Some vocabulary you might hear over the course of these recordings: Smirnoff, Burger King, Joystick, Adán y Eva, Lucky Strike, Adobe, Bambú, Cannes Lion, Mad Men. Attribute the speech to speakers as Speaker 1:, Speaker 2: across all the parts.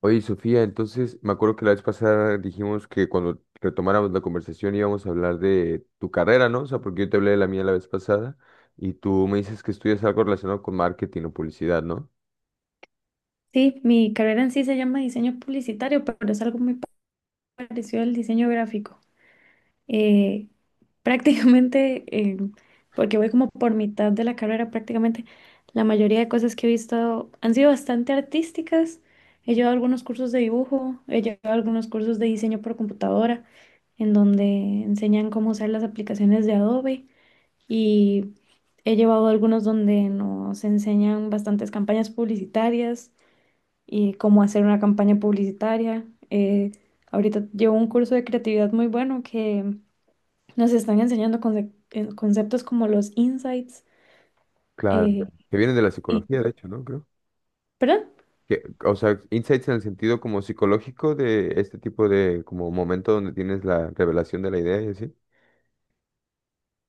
Speaker 1: Oye, Sofía, entonces me acuerdo que la vez pasada dijimos que cuando retomáramos la conversación íbamos a hablar de tu carrera, ¿no? O sea, porque yo te hablé de la mía la vez pasada y tú me dices que estudias algo relacionado con marketing o publicidad, ¿no?
Speaker 2: Sí, mi carrera en sí se llama diseño publicitario, pero es algo muy parecido al diseño gráfico. Eh, prácticamente, porque voy como por mitad de la carrera, prácticamente la mayoría de cosas que he visto han sido bastante artísticas. He llevado algunos cursos de dibujo, he llevado algunos cursos de diseño por computadora, en donde enseñan cómo usar las aplicaciones de Adobe y he llevado algunos donde nos enseñan bastantes campañas publicitarias y cómo hacer una campaña publicitaria. Ahorita llevo un curso de creatividad muy bueno que nos están enseñando conceptos como los insights.
Speaker 1: Claro,
Speaker 2: eh,
Speaker 1: que viene de la
Speaker 2: y,
Speaker 1: psicología, de hecho, ¿no? Creo.
Speaker 2: ¿Perdón?
Speaker 1: Que, o sea, insights en el sentido como psicológico de este tipo de como momento donde tienes la revelación de la idea y así.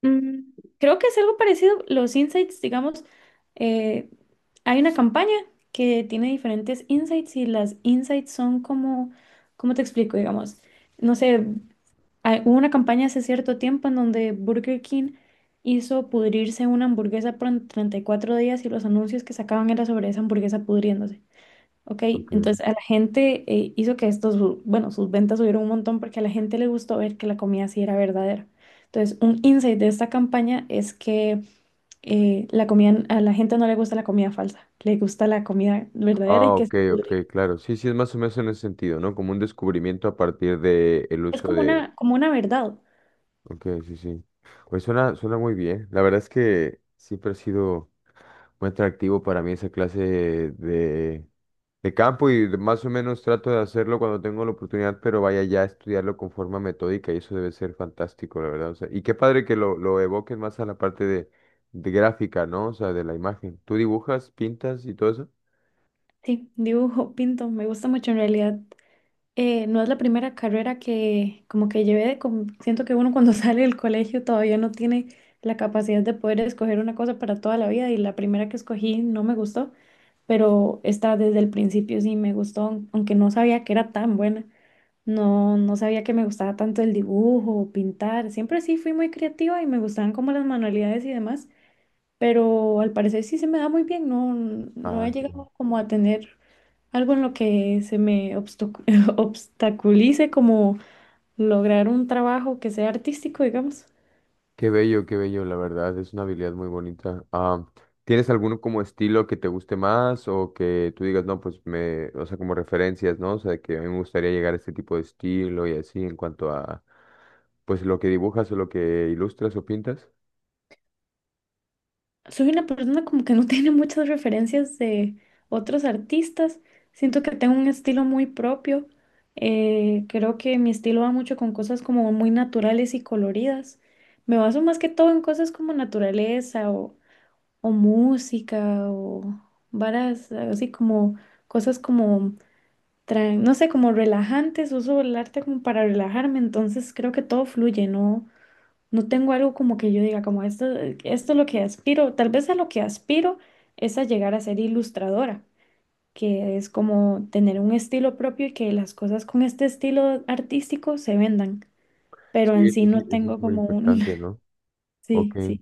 Speaker 2: Mm, creo que es algo parecido. Los insights, digamos, eh, hay una campaña que tiene diferentes insights y las insights son como, ¿cómo te explico? Digamos, no sé. Ah, hubo una campaña hace cierto tiempo en donde Burger King hizo pudrirse una hamburguesa por 34 días y los anuncios que sacaban era sobre esa hamburguesa pudriéndose. Ok,
Speaker 1: Ok.
Speaker 2: entonces a la gente hizo que sus ventas subieron un montón porque a la gente le gustó ver que la comida sí era verdadera. Entonces, un insight de esta campaña es que la comida, a la gente no le gusta la comida falsa, le gusta la comida verdadera
Speaker 1: Ah,
Speaker 2: y que se
Speaker 1: ok, ok,
Speaker 2: pudre.
Speaker 1: claro. Sí, sí, es más o menos en ese sentido, ¿no? Como un descubrimiento a partir de el
Speaker 2: Es
Speaker 1: uso de.
Speaker 2: como una verdad.
Speaker 1: Ok, sí, sí. Pues suena muy bien. La verdad es que siempre ha sido muy atractivo para mí esa clase de campo más o menos trato de hacerlo cuando tengo la oportunidad, pero vaya ya a estudiarlo con forma metódica y eso debe ser fantástico, la verdad. O sea, y qué padre que lo evoquen más a la parte de gráfica, ¿no? O sea, de la imagen. ¿Tú dibujas, pintas y todo eso?
Speaker 2: Sí, dibujo, pinto, me gusta mucho en realidad. No es la primera carrera que como que llevé, de siento que uno cuando sale del colegio todavía no tiene la capacidad de poder escoger una cosa para toda la vida y la primera que escogí no me gustó, pero esta desde el principio sí me gustó, aunque no sabía que era tan buena, no, no sabía que me gustaba tanto el dibujo, pintar, siempre sí fui muy creativa y me gustaban como las manualidades y demás, pero al parecer sí se me da muy bien, no, no he
Speaker 1: Ah,
Speaker 2: llegado como a tener algo en lo que se me obstaculice como lograr un trabajo que sea artístico, digamos.
Speaker 1: qué bello, qué bello, la verdad, es una habilidad muy bonita. Ah, ¿tienes alguno como estilo que te guste más o que tú digas, no, pues me, o sea, como referencias, ¿no? O sea, que a mí me gustaría llegar a este tipo de estilo y así en cuanto a, pues lo que dibujas o lo que ilustras o pintas?
Speaker 2: Soy una persona como que no tiene muchas referencias de otros artistas. Siento que tengo un estilo muy propio. Creo que mi estilo va mucho con cosas como muy naturales y coloridas. Me baso más que todo en cosas como naturaleza o música o varas así como cosas como no sé, como relajantes, uso el arte como para relajarme, entonces creo que todo fluye, no, no tengo algo como que yo diga, como esto es lo que aspiro, tal vez a lo que aspiro es a llegar a ser ilustradora, que es como tener un estilo propio y que las cosas con este estilo artístico se vendan, pero en sí
Speaker 1: Sí,
Speaker 2: no
Speaker 1: eso es
Speaker 2: tengo
Speaker 1: muy
Speaker 2: como un,
Speaker 1: impactante, ¿no? Ok.
Speaker 2: sí, sí,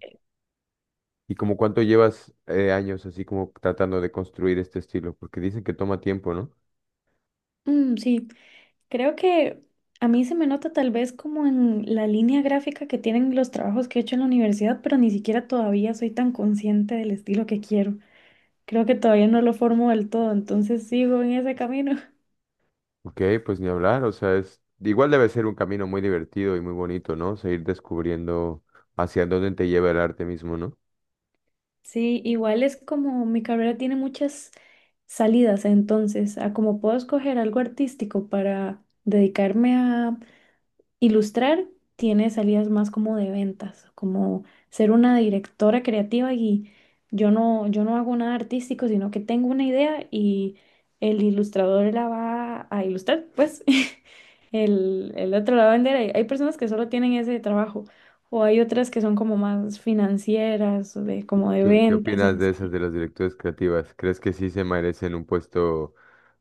Speaker 1: ¿Y como cuánto llevas años así como tratando de construir este estilo? Porque dicen que toma tiempo, ¿no?
Speaker 2: Mm, sí. Creo que a mí se me nota tal vez como en la línea gráfica que tienen los trabajos que he hecho en la universidad, pero ni siquiera todavía soy tan consciente del estilo que quiero. Creo que todavía no lo formo del todo, entonces sigo en ese camino.
Speaker 1: Ok, pues ni hablar, o sea, es igual debe ser un camino muy divertido y muy bonito, ¿no? Seguir descubriendo hacia dónde te lleva el arte mismo, ¿no?
Speaker 2: Sí, igual es como mi carrera tiene muchas salidas, entonces, a como puedo escoger algo artístico para dedicarme a ilustrar tiene salidas más como de ventas, como ser una directora creativa y yo no, yo no hago nada artístico, sino que tengo una idea y el ilustrador la va a ilustrar, pues el otro la va a vender. Hay personas que solo tienen ese trabajo o hay otras que son como más financieras, de, como de
Speaker 1: Qué
Speaker 2: ventas
Speaker 1: opinas
Speaker 2: en
Speaker 1: de esas
Speaker 2: sí.
Speaker 1: de las directoras creativas? ¿Crees que sí se merecen un puesto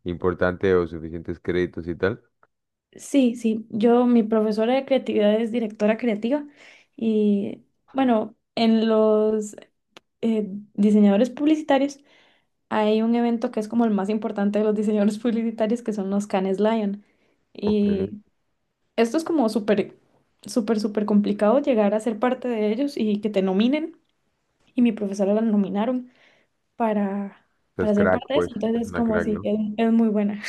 Speaker 1: importante o suficientes créditos y tal?
Speaker 2: Sí, sí, yo, mi profesora de creatividad es directora creativa y bueno, en los eh, diseñadores publicitarios, hay un evento que es como el más importante de los diseñadores publicitarios, que son los Cannes Lion.
Speaker 1: Ok,
Speaker 2: Y esto es como súper, súper, súper complicado llegar a ser parte de ellos y que te nominen. Y mi profesora la nominaron para,
Speaker 1: es
Speaker 2: para ser
Speaker 1: crack,
Speaker 2: parte de eso.
Speaker 1: pues,
Speaker 2: Entonces
Speaker 1: es
Speaker 2: es
Speaker 1: una
Speaker 2: como
Speaker 1: crack,
Speaker 2: así,
Speaker 1: ¿no?
Speaker 2: es muy buena.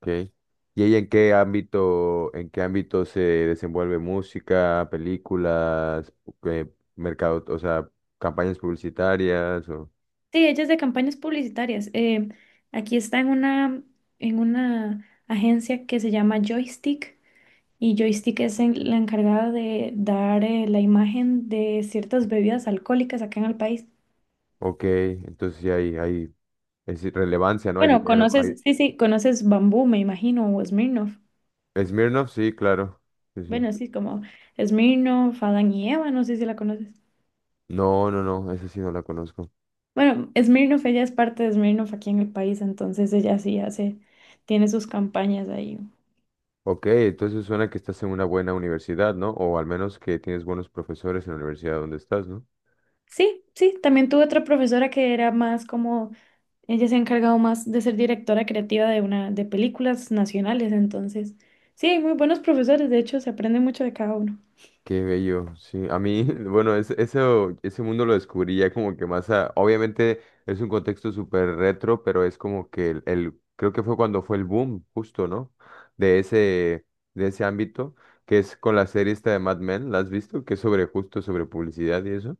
Speaker 1: Okay. ¿Y ella en qué ámbito se desenvuelve? Música, películas, eh, mercado, o sea, campañas publicitarias o.
Speaker 2: Sí, ella es de campañas publicitarias. Aquí está en una agencia que se llama Joystick. Y Joystick es la encargada de dar la imagen de ciertas bebidas alcohólicas acá en el país.
Speaker 1: Ok, entonces sí hay. Es irrelevancia, no hay
Speaker 2: Bueno,
Speaker 1: dinero. Hay...
Speaker 2: conoces, sí, sí, conoces Bambú, me imagino, o Smirnoff.
Speaker 1: Smirnoff, sí, claro. Sí, sí.
Speaker 2: Bueno, sí, como Smirnoff, Adán y Eva, no sé si la conoces.
Speaker 1: No, no, no, esa sí no la conozco.
Speaker 2: Bueno, Smirnoff, ella es parte de Smirnoff aquí en el país, entonces ella sí hace, tiene sus campañas ahí.
Speaker 1: Ok, entonces suena que estás en una buena universidad, ¿no? O al menos que tienes buenos profesores en la universidad donde estás, ¿no?
Speaker 2: Sí, sí, también tuve otra profesora que era más como ella se ha encargado más de ser directora creativa de una de películas nacionales, entonces sí, hay muy buenos profesores, de hecho se aprende mucho de cada uno.
Speaker 1: Qué bello, sí. A mí, bueno, es- eso, ese mundo lo descubrí ya como que más a... Obviamente es un contexto súper retro, pero es como que creo que fue cuando fue el boom, justo, ¿no? De ese, de ese ámbito, que es con la serie esta de Mad Men, ¿la has visto? Que es sobre justo, sobre publicidad y eso.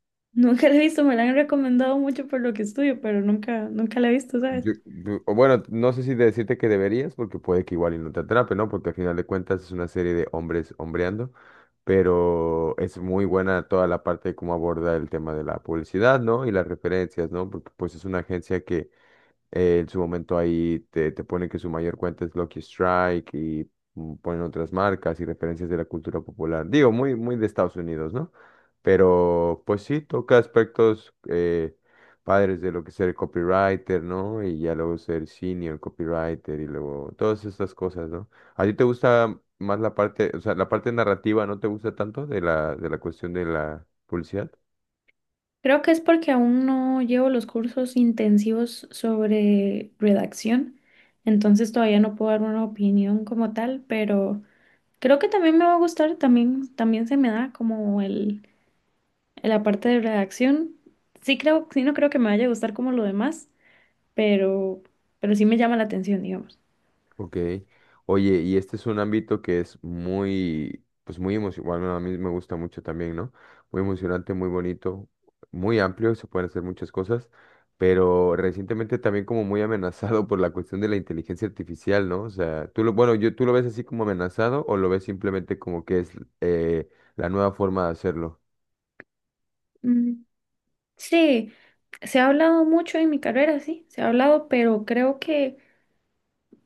Speaker 2: Nunca la he visto, me la han recomendado mucho por lo que estudio, pero nunca, nunca la he visto, ¿sabes?
Speaker 1: O bueno, no sé si decirte que deberías, porque puede que igual y no te atrape, ¿no? Porque al final de cuentas es una serie de hombres hombreando, pero es muy buena toda la parte de cómo aborda el tema de la publicidad, ¿no? Y las referencias, ¿no? Porque pues es una agencia que en su momento ahí te pone que su mayor cuenta es Lucky Strike y mm, ponen otras marcas y referencias de la cultura popular. Digo, muy de Estados Unidos, ¿no? Pero pues sí, toca aspectos padres de lo que es ser copywriter, ¿no? Y ya luego ser senior copywriter y luego todas estas cosas, ¿no? ¿A ti te gusta más la parte, o sea, la parte narrativa no te gusta tanto de de la cuestión de la publicidad?
Speaker 2: Creo que es porque aún no llevo los cursos intensivos sobre redacción, entonces todavía no puedo dar una opinión como tal, pero creo que también me va a gustar, también, también se me da como la parte de redacción. Sí creo, sí no creo que me vaya a gustar como lo demás. pero, pero sí me llama la atención, digamos.
Speaker 1: Ok. Oye, y este es un ámbito que es muy, pues muy emocionante, bueno, a mí me gusta mucho también, ¿no? Muy emocionante, muy bonito, muy amplio, se pueden hacer muchas cosas, pero recientemente también como muy amenazado por la cuestión de la inteligencia artificial, ¿no? O sea, tú lo, bueno, yo, ¿tú lo ves así como amenazado o lo ves simplemente como que es eh, la nueva forma de hacerlo?
Speaker 2: Mm, sí, se ha hablado mucho en mi carrera, sí, se ha hablado, pero creo que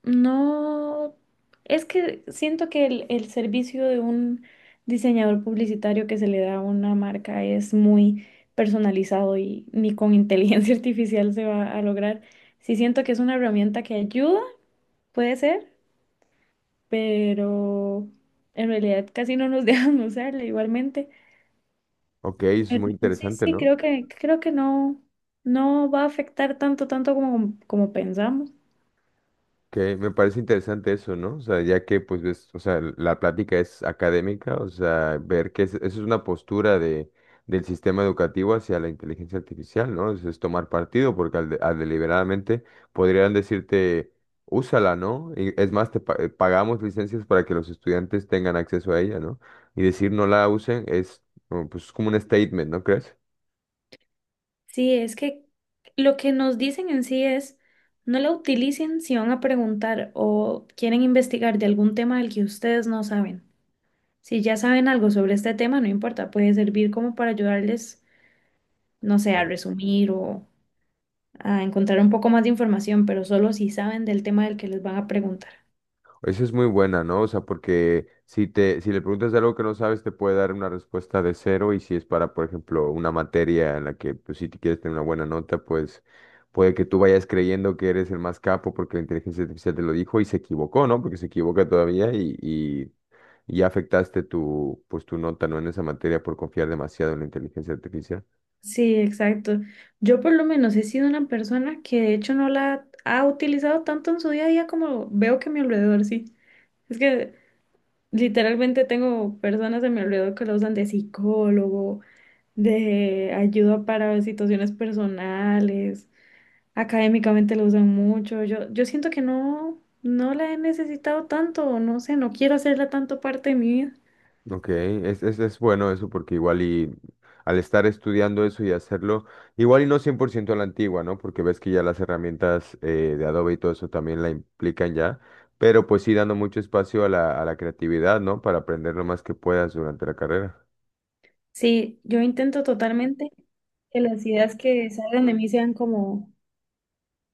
Speaker 2: no, es que siento que el servicio de un diseñador publicitario que se le da a una marca es muy personalizado y ni con inteligencia artificial se va a lograr. Sí siento que es una herramienta que ayuda, puede ser, pero en realidad casi no nos dejan usarla igualmente.
Speaker 1: Ok, eso es
Speaker 2: Pero
Speaker 1: muy
Speaker 2: sí,
Speaker 1: interesante,
Speaker 2: sí,
Speaker 1: ¿no?
Speaker 2: creo que no, no va a afectar tanto, tanto como, como pensamos.
Speaker 1: Que me parece interesante eso, ¿no? O sea, ya que pues ves, o sea, la plática es académica, o sea, ver que es- eso es una postura de, del sistema educativo hacia la inteligencia artificial, ¿no? Es tomar partido, porque al, de- al deliberadamente podrían decirte, úsala, ¿no? Y es más, pagamos licencias para que los estudiantes tengan acceso a ella, ¿no? Y decir no la usen es, como, pues, como un statement, ¿no crees?
Speaker 2: Sí, es que lo que nos dicen en sí es, no la utilicen si van a preguntar o quieren investigar de algún tema del que ustedes no saben. Si ya saben algo sobre este tema, no importa, puede servir como para ayudarles, no sé, a resumir o a encontrar un poco más de información, pero solo si saben del tema del que les van a preguntar.
Speaker 1: Esa es muy buena, ¿no? O sea, porque si te, si le preguntas algo que no sabes, te puede dar una respuesta de cero y si es para, por ejemplo, una materia en la que, pues, si te quieres tener una buena nota, pues puede que tú vayas creyendo que eres el más capo porque la inteligencia artificial te lo dijo y se equivocó, ¿no? Porque se equivoca todavía y ya afectaste tu, pues, tu nota, ¿no? En esa materia por confiar demasiado en la inteligencia artificial.
Speaker 2: Sí, exacto. Yo por lo menos he sido una persona que de hecho no la ha utilizado tanto en su día a día como veo que a mi alrededor sí. Es que literalmente tengo personas a mi alrededor que la usan de psicólogo, de ayuda para situaciones personales, académicamente la usan mucho. Yo siento que no, no la he necesitado tanto, o no sé, no quiero hacerla tanto parte de mi vida.
Speaker 1: Ok, es bueno eso porque igual y al estar estudiando eso y hacerlo, igual y no 100% a la antigua, ¿no? Porque ves que ya las herramientas de Adobe y todo eso también la implican ya, pero pues sí dando mucho espacio a a la creatividad, ¿no? Para aprender lo más que puedas durante la carrera.
Speaker 2: Sí, yo intento totalmente que las ideas que salgan de mí sean como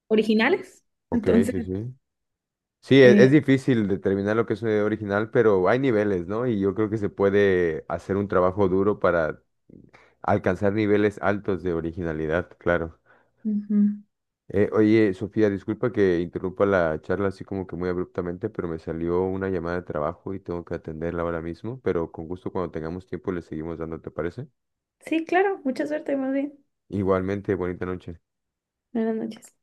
Speaker 2: originales.
Speaker 1: Ok,
Speaker 2: Entonces,
Speaker 1: sí, sí. Sí,
Speaker 2: eh,
Speaker 1: es, difícil determinar lo que es una idea original, pero hay niveles, ¿no? Y yo creo que se puede hacer un trabajo duro para alcanzar niveles altos de originalidad, claro.
Speaker 2: ujú.
Speaker 1: Oye, Sofía, disculpa que interrumpa la charla así como que muy abruptamente, pero me salió una llamada de trabajo y tengo que atenderla ahora mismo, pero con gusto cuando tengamos tiempo le seguimos dando, ¿te parece?
Speaker 2: Sí, claro, mucha suerte, más bien.
Speaker 1: Igualmente, bonita noche.
Speaker 2: Buenas noches.